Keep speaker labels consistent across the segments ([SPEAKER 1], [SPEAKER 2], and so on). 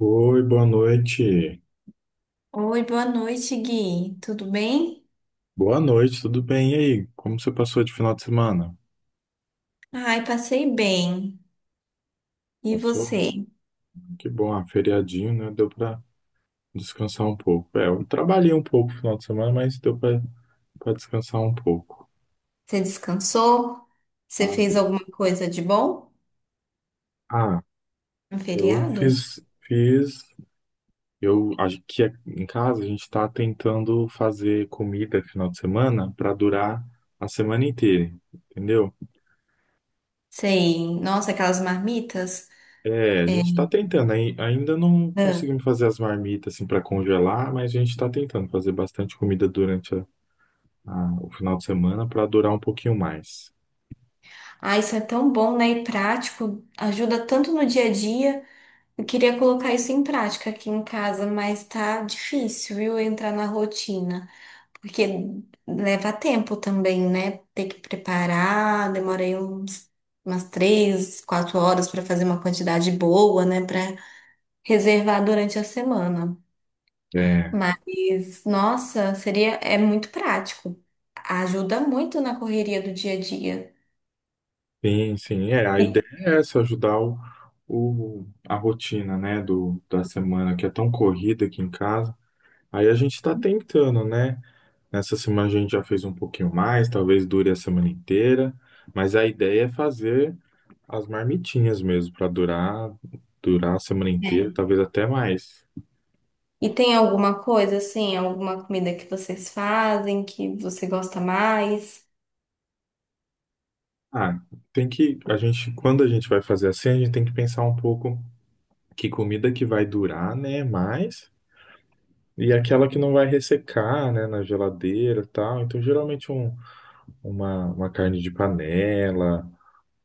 [SPEAKER 1] Oi, boa noite.
[SPEAKER 2] Oi, boa noite, Gui. Tudo bem?
[SPEAKER 1] Boa noite, tudo bem? E aí, como você passou de final de semana?
[SPEAKER 2] Ai, passei bem. E
[SPEAKER 1] Passou?
[SPEAKER 2] você?
[SPEAKER 1] Que bom, feriadinho, né? Deu pra descansar um pouco. É, eu trabalhei um pouco no final de semana, mas deu pra descansar um pouco.
[SPEAKER 2] Você descansou? Você fez
[SPEAKER 1] Sabe?
[SPEAKER 2] alguma coisa de bom
[SPEAKER 1] Ah,
[SPEAKER 2] no
[SPEAKER 1] eu
[SPEAKER 2] feriado?
[SPEAKER 1] fiz, fiz, eu acho que aqui em casa a gente tá tentando fazer comida final de semana pra durar a semana inteira, entendeu?
[SPEAKER 2] Sei. Nossa, aquelas marmitas.
[SPEAKER 1] É, a gente tá tentando, ainda não
[SPEAKER 2] Ah,
[SPEAKER 1] conseguimos fazer as marmitas assim para congelar, mas a gente tá tentando fazer bastante comida durante o final de semana para durar um pouquinho mais.
[SPEAKER 2] Ah, isso é tão bom, né? E prático. Ajuda tanto no dia a dia. Eu queria colocar isso em prática aqui em casa, mas tá difícil, viu, entrar na rotina. Porque leva tempo também, né? Ter que preparar, umas três, quatro horas para fazer uma quantidade boa, né? Para reservar durante a semana.
[SPEAKER 1] É,
[SPEAKER 2] Mas, nossa, é muito prático. Ajuda muito na correria do dia a dia.
[SPEAKER 1] sim, sim, é, a ideia
[SPEAKER 2] E
[SPEAKER 1] é essa, ajudar a rotina, né, da semana que é tão corrida aqui em casa. Aí a gente tá tentando, né? Nessa semana a gente já fez um pouquinho mais, talvez dure a semana inteira, mas a ideia é fazer as marmitinhas mesmo, para durar, durar a semana inteira,
[SPEAKER 2] é.
[SPEAKER 1] talvez até mais.
[SPEAKER 2] E tem alguma coisa assim, alguma comida que vocês fazem que você gosta mais?
[SPEAKER 1] Ah, a gente, quando a gente vai fazer assim, a gente tem que pensar um pouco que comida que vai durar, né, mais, e aquela que não vai ressecar, né, na geladeira e tal. Então, geralmente uma carne de panela.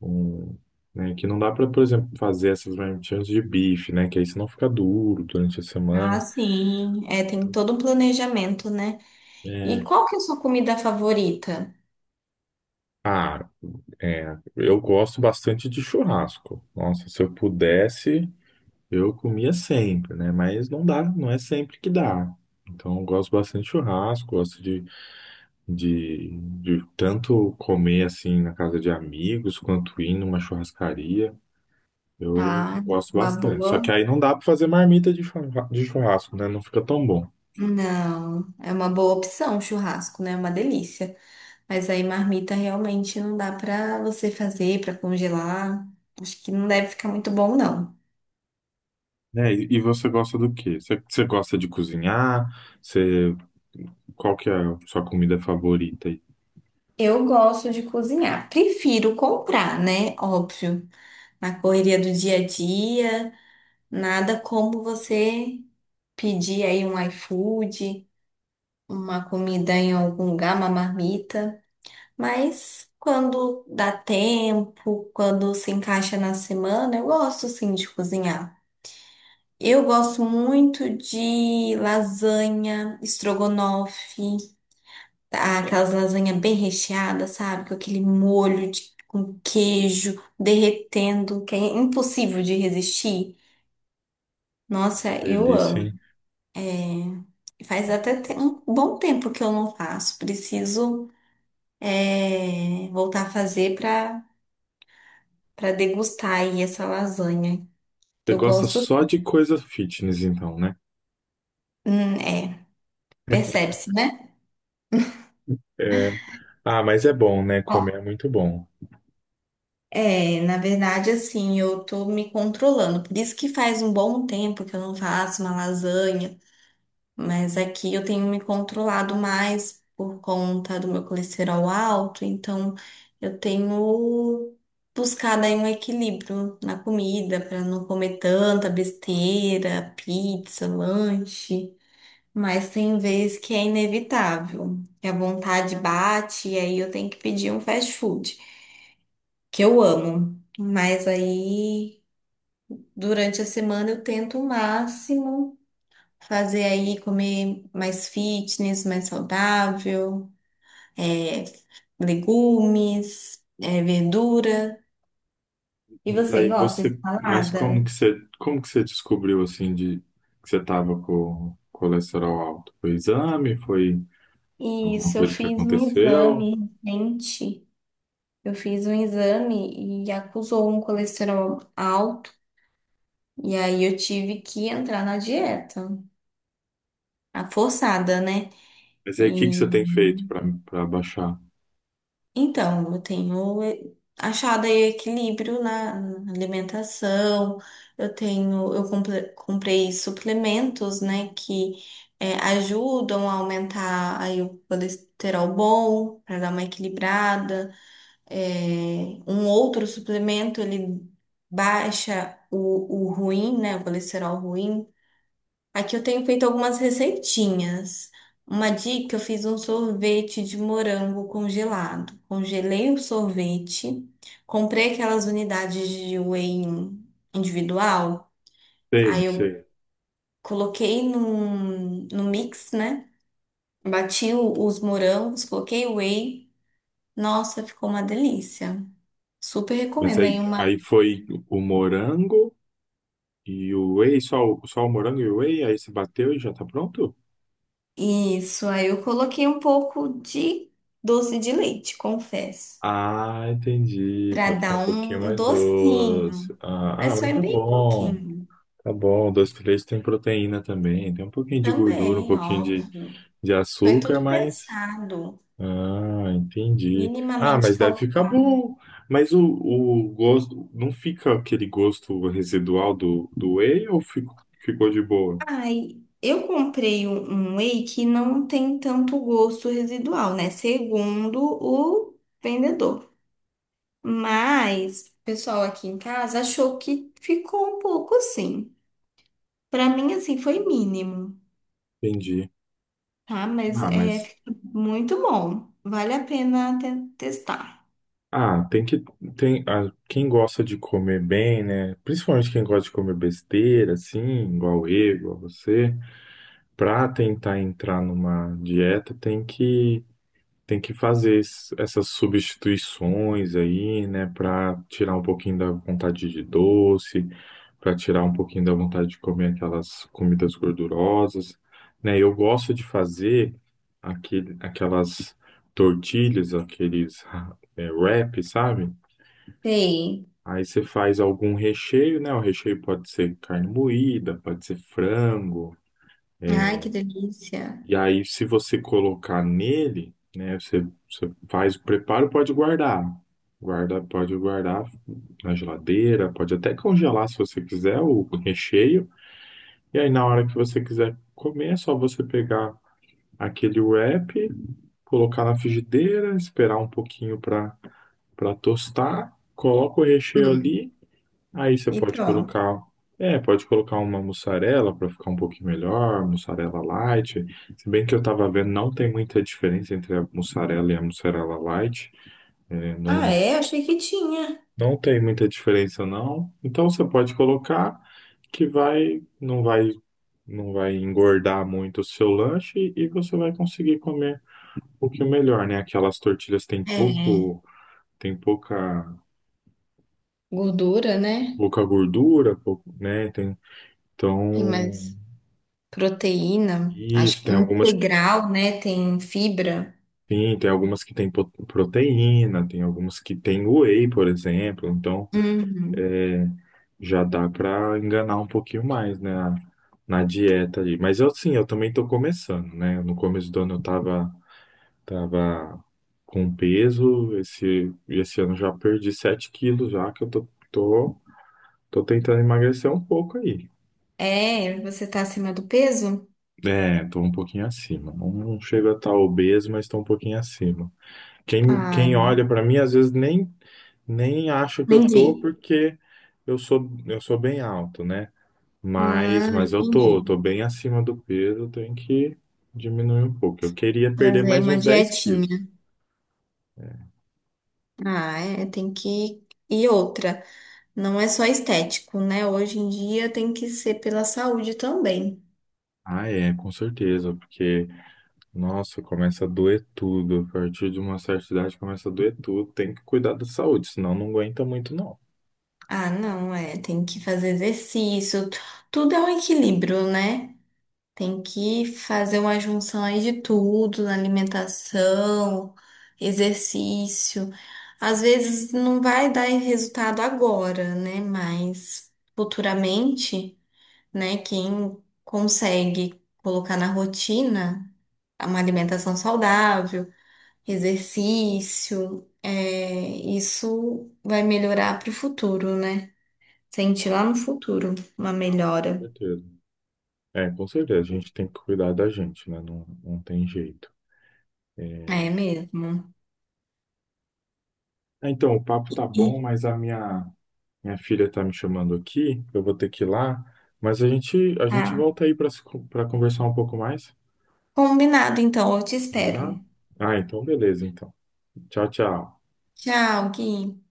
[SPEAKER 1] Um, né, que não dá para, por exemplo, fazer essas marmitinhas de bife, né? Que aí senão fica duro durante a
[SPEAKER 2] Ah,
[SPEAKER 1] semana.
[SPEAKER 2] sim. É, tem todo um planejamento, né? E
[SPEAKER 1] É,
[SPEAKER 2] qual que é a sua comida favorita?
[SPEAKER 1] ah, é, eu gosto bastante de churrasco. Nossa, se eu pudesse, eu comia sempre, né? Mas não dá, não é sempre que dá. Então, eu gosto bastante de churrasco, gosto de tanto comer assim na casa de amigos, quanto ir numa churrascaria. Eu
[SPEAKER 2] Ah,
[SPEAKER 1] gosto
[SPEAKER 2] uma
[SPEAKER 1] bastante. Só que
[SPEAKER 2] boa.
[SPEAKER 1] aí não dá para fazer marmita de de churrasco, né? Não fica tão bom.
[SPEAKER 2] Não, é uma boa opção, churrasco, né? É uma delícia. Mas aí marmita realmente não dá pra você fazer, pra congelar. Acho que não deve ficar muito bom, não.
[SPEAKER 1] Né? E você gosta do quê? Você gosta de cozinhar? Você, qual que é a sua comida favorita aí?
[SPEAKER 2] Eu gosto de cozinhar. Prefiro comprar, né? Óbvio. Na correria do dia a dia, nada como você pedir aí um iFood, uma comida em algum lugar, uma marmita. Mas quando dá tempo, quando se encaixa na semana, eu gosto sim de cozinhar. Eu gosto muito de lasanha, estrogonofe, tá? Aquelas lasanhas bem recheadas, sabe? Com aquele molho com queijo derretendo, que é impossível de resistir. Nossa, eu
[SPEAKER 1] Delícia,
[SPEAKER 2] amo.
[SPEAKER 1] hein?
[SPEAKER 2] É, faz até
[SPEAKER 1] Você
[SPEAKER 2] um bom tempo que eu não faço. Preciso, é, voltar a fazer para degustar aí essa lasanha, que eu
[SPEAKER 1] gosta
[SPEAKER 2] gosto.
[SPEAKER 1] só de coisa fitness, então, né?
[SPEAKER 2] É, percebe-se, né?
[SPEAKER 1] É. Ah, mas é bom, né?
[SPEAKER 2] Ó,
[SPEAKER 1] Comer é muito bom.
[SPEAKER 2] é, na verdade, assim, eu tô me controlando. Por isso que faz um bom tempo que eu não faço uma lasanha, mas aqui eu tenho me controlado mais por conta do meu colesterol alto, então eu tenho buscado aí um equilíbrio na comida para não comer tanta besteira, pizza, lanche. Mas tem vezes que é inevitável, que a vontade bate e aí eu tenho que pedir um fast food, que eu amo. Mas aí, durante a semana, eu tento o máximo fazer aí comer mais fitness, mais saudável, é, legumes, é, verdura. E
[SPEAKER 1] Mas
[SPEAKER 2] você
[SPEAKER 1] aí
[SPEAKER 2] gosta de
[SPEAKER 1] você, mas
[SPEAKER 2] salada?
[SPEAKER 1] como que você descobriu assim de que você tava com colesterol alto? Foi exame? Foi alguma
[SPEAKER 2] Isso, eu
[SPEAKER 1] coisa que
[SPEAKER 2] fiz um
[SPEAKER 1] aconteceu?
[SPEAKER 2] exame recente. Eu fiz um exame e acusou um colesterol alto. E aí eu tive que entrar na dieta, a forçada, né?
[SPEAKER 1] Mas aí o que que
[SPEAKER 2] E
[SPEAKER 1] você tem feito para para baixar?
[SPEAKER 2] então eu tenho achado aí equilíbrio na alimentação. Eu comprei suplementos, né, que ajudam a aumentar aí o colesterol bom para dar uma equilibrada. Um outro suplemento ele baixa o ruim, né, o colesterol ruim. Aqui eu tenho feito algumas receitinhas. Uma dica: eu fiz um sorvete de morango congelado. Congelei o sorvete, comprei aquelas unidades de whey individual,
[SPEAKER 1] Sei,
[SPEAKER 2] aí eu
[SPEAKER 1] sei.
[SPEAKER 2] no mix, né? Bati os morangos, coloquei o whey. Nossa, ficou uma delícia. Super
[SPEAKER 1] Mas
[SPEAKER 2] recomendo
[SPEAKER 1] aí,
[SPEAKER 2] aí uma.
[SPEAKER 1] aí foi o morango e o whey, só, só o morango e o whey, aí se bateu e já tá pronto?
[SPEAKER 2] Isso, aí eu coloquei um pouco de doce de leite, confesso,
[SPEAKER 1] Ah, entendi, pra
[SPEAKER 2] para
[SPEAKER 1] ficar
[SPEAKER 2] dar
[SPEAKER 1] um pouquinho
[SPEAKER 2] um
[SPEAKER 1] mais
[SPEAKER 2] docinho.
[SPEAKER 1] doce. Ah, ah,
[SPEAKER 2] Mas
[SPEAKER 1] mas
[SPEAKER 2] foi
[SPEAKER 1] tá
[SPEAKER 2] bem
[SPEAKER 1] bom,
[SPEAKER 2] pouquinho.
[SPEAKER 1] tá bom. Doce de leite tem proteína também, tem um pouquinho de gordura, um
[SPEAKER 2] Também,
[SPEAKER 1] pouquinho
[SPEAKER 2] óbvio.
[SPEAKER 1] de
[SPEAKER 2] Foi
[SPEAKER 1] açúcar,
[SPEAKER 2] tudo
[SPEAKER 1] mas...
[SPEAKER 2] pensado,
[SPEAKER 1] Ah, entendi. Ah,
[SPEAKER 2] minimamente
[SPEAKER 1] mas deve ficar
[SPEAKER 2] calculado.
[SPEAKER 1] bom. Mas o gosto, não fica aquele gosto residual do whey ou ficou de boa?
[SPEAKER 2] Ai, eu comprei um whey que não tem tanto gosto residual, né? Segundo o vendedor. Mas o pessoal aqui em casa achou que ficou um pouco assim. Pra mim, assim, foi mínimo,
[SPEAKER 1] Entendi.
[SPEAKER 2] tá? Mas
[SPEAKER 1] Ah,
[SPEAKER 2] é
[SPEAKER 1] mas
[SPEAKER 2] fica muito bom. Vale a pena testar.
[SPEAKER 1] Tem que tem quem gosta de comer bem, né? Principalmente quem gosta de comer besteira, assim, igual eu, igual você, para tentar entrar numa dieta, tem que fazer essas substituições aí, né, para tirar um pouquinho da vontade de doce, para tirar um pouquinho da vontade de comer aquelas comidas gordurosas, né? Eu gosto de fazer aquelas tortilhas, aqueles é, wrap, sabe?
[SPEAKER 2] Sei.
[SPEAKER 1] Aí você faz algum recheio, né? O recheio pode ser carne moída, pode ser frango.
[SPEAKER 2] Ai, que delícia.
[SPEAKER 1] E aí, se você colocar nele, né? Você, você faz o preparo, pode guardar. Guarda, pode guardar na geladeira, pode até congelar se você quiser o recheio. E aí, na hora que você quiser comer, é só você pegar aquele wrap, colocar na frigideira, esperar um pouquinho para para tostar, coloca o recheio
[SPEAKER 2] Hum.
[SPEAKER 1] ali. Aí você
[SPEAKER 2] E
[SPEAKER 1] pode
[SPEAKER 2] pronto.
[SPEAKER 1] colocar, é, pode colocar uma mussarela para ficar um pouquinho melhor, mussarela light. Se bem que eu estava vendo, não tem muita diferença entre a mussarela e a mussarela light. É,
[SPEAKER 2] Ah,
[SPEAKER 1] não,
[SPEAKER 2] é? Achei que tinha.
[SPEAKER 1] não tem muita diferença não. Então você pode colocar que vai, não vai engordar muito o seu lanche e você vai conseguir comer um pouquinho melhor, né? Aquelas tortilhas têm
[SPEAKER 2] É,
[SPEAKER 1] pouco, tem pouca,
[SPEAKER 2] gordura, né?
[SPEAKER 1] pouca gordura, pouco, né? Tem,
[SPEAKER 2] Tem
[SPEAKER 1] então
[SPEAKER 2] mais proteína, acho
[SPEAKER 1] isso,
[SPEAKER 2] que
[SPEAKER 1] tem algumas.
[SPEAKER 2] integral, né? Tem fibra.
[SPEAKER 1] Sim, tem algumas que têm proteína, tem algumas que têm whey, por exemplo. Então,
[SPEAKER 2] Uhum.
[SPEAKER 1] é, já dá para enganar um pouquinho mais, né, na dieta ali. Mas eu, sim, eu também estou começando, né? No começo do ano eu tava com peso. Esse ano eu já perdi 7 quilos já, que eu tô tentando emagrecer um pouco aí.
[SPEAKER 2] É, você tá acima do peso?
[SPEAKER 1] É, tô um pouquinho acima. Não, não chego a estar obeso, mas tô um pouquinho acima. Quem
[SPEAKER 2] Ai,
[SPEAKER 1] olha para mim às vezes nem, nem acha que eu tô
[SPEAKER 2] entendi.
[SPEAKER 1] porque eu sou bem alto, né?
[SPEAKER 2] Ah,
[SPEAKER 1] Mas eu
[SPEAKER 2] entendi.
[SPEAKER 1] eu tô bem acima do peso, eu tenho que diminuir um pouco. Eu queria perder
[SPEAKER 2] Fazer
[SPEAKER 1] mais
[SPEAKER 2] uma
[SPEAKER 1] uns 10 quilos.
[SPEAKER 2] dietinha. Ah, é, tem que. E outra, não é só estético, né? Hoje em dia tem que ser pela saúde também.
[SPEAKER 1] Ah, é, com certeza, porque nossa, começa a doer tudo. A partir de uma certa idade começa a doer tudo. Tem que cuidar da saúde, senão não aguenta muito não.
[SPEAKER 2] Ah, não, é, tem que fazer exercício. Tudo é um equilíbrio, né? Tem que fazer uma junção aí de tudo, na alimentação, exercício. Às vezes não vai dar resultado agora, né? Mas futuramente, né? Quem consegue colocar na rotina uma alimentação saudável, exercício, é, isso vai melhorar para o futuro, né? Sentir
[SPEAKER 1] Não,
[SPEAKER 2] lá no futuro uma
[SPEAKER 1] não, com
[SPEAKER 2] melhora.
[SPEAKER 1] certeza. É, com certeza, a gente tem que cuidar da gente, né? Não, não tem jeito.
[SPEAKER 2] É
[SPEAKER 1] É,
[SPEAKER 2] mesmo.
[SPEAKER 1] é, então, o papo tá bom,
[SPEAKER 2] E,
[SPEAKER 1] mas a minha filha tá me chamando aqui. Eu vou ter que ir lá, mas a gente
[SPEAKER 2] ah,
[SPEAKER 1] volta aí para para conversar um pouco mais,
[SPEAKER 2] combinado, então, eu te espero.
[SPEAKER 1] combinado? Ah, então beleza, então. Tchau, tchau.
[SPEAKER 2] Tchau, Gui.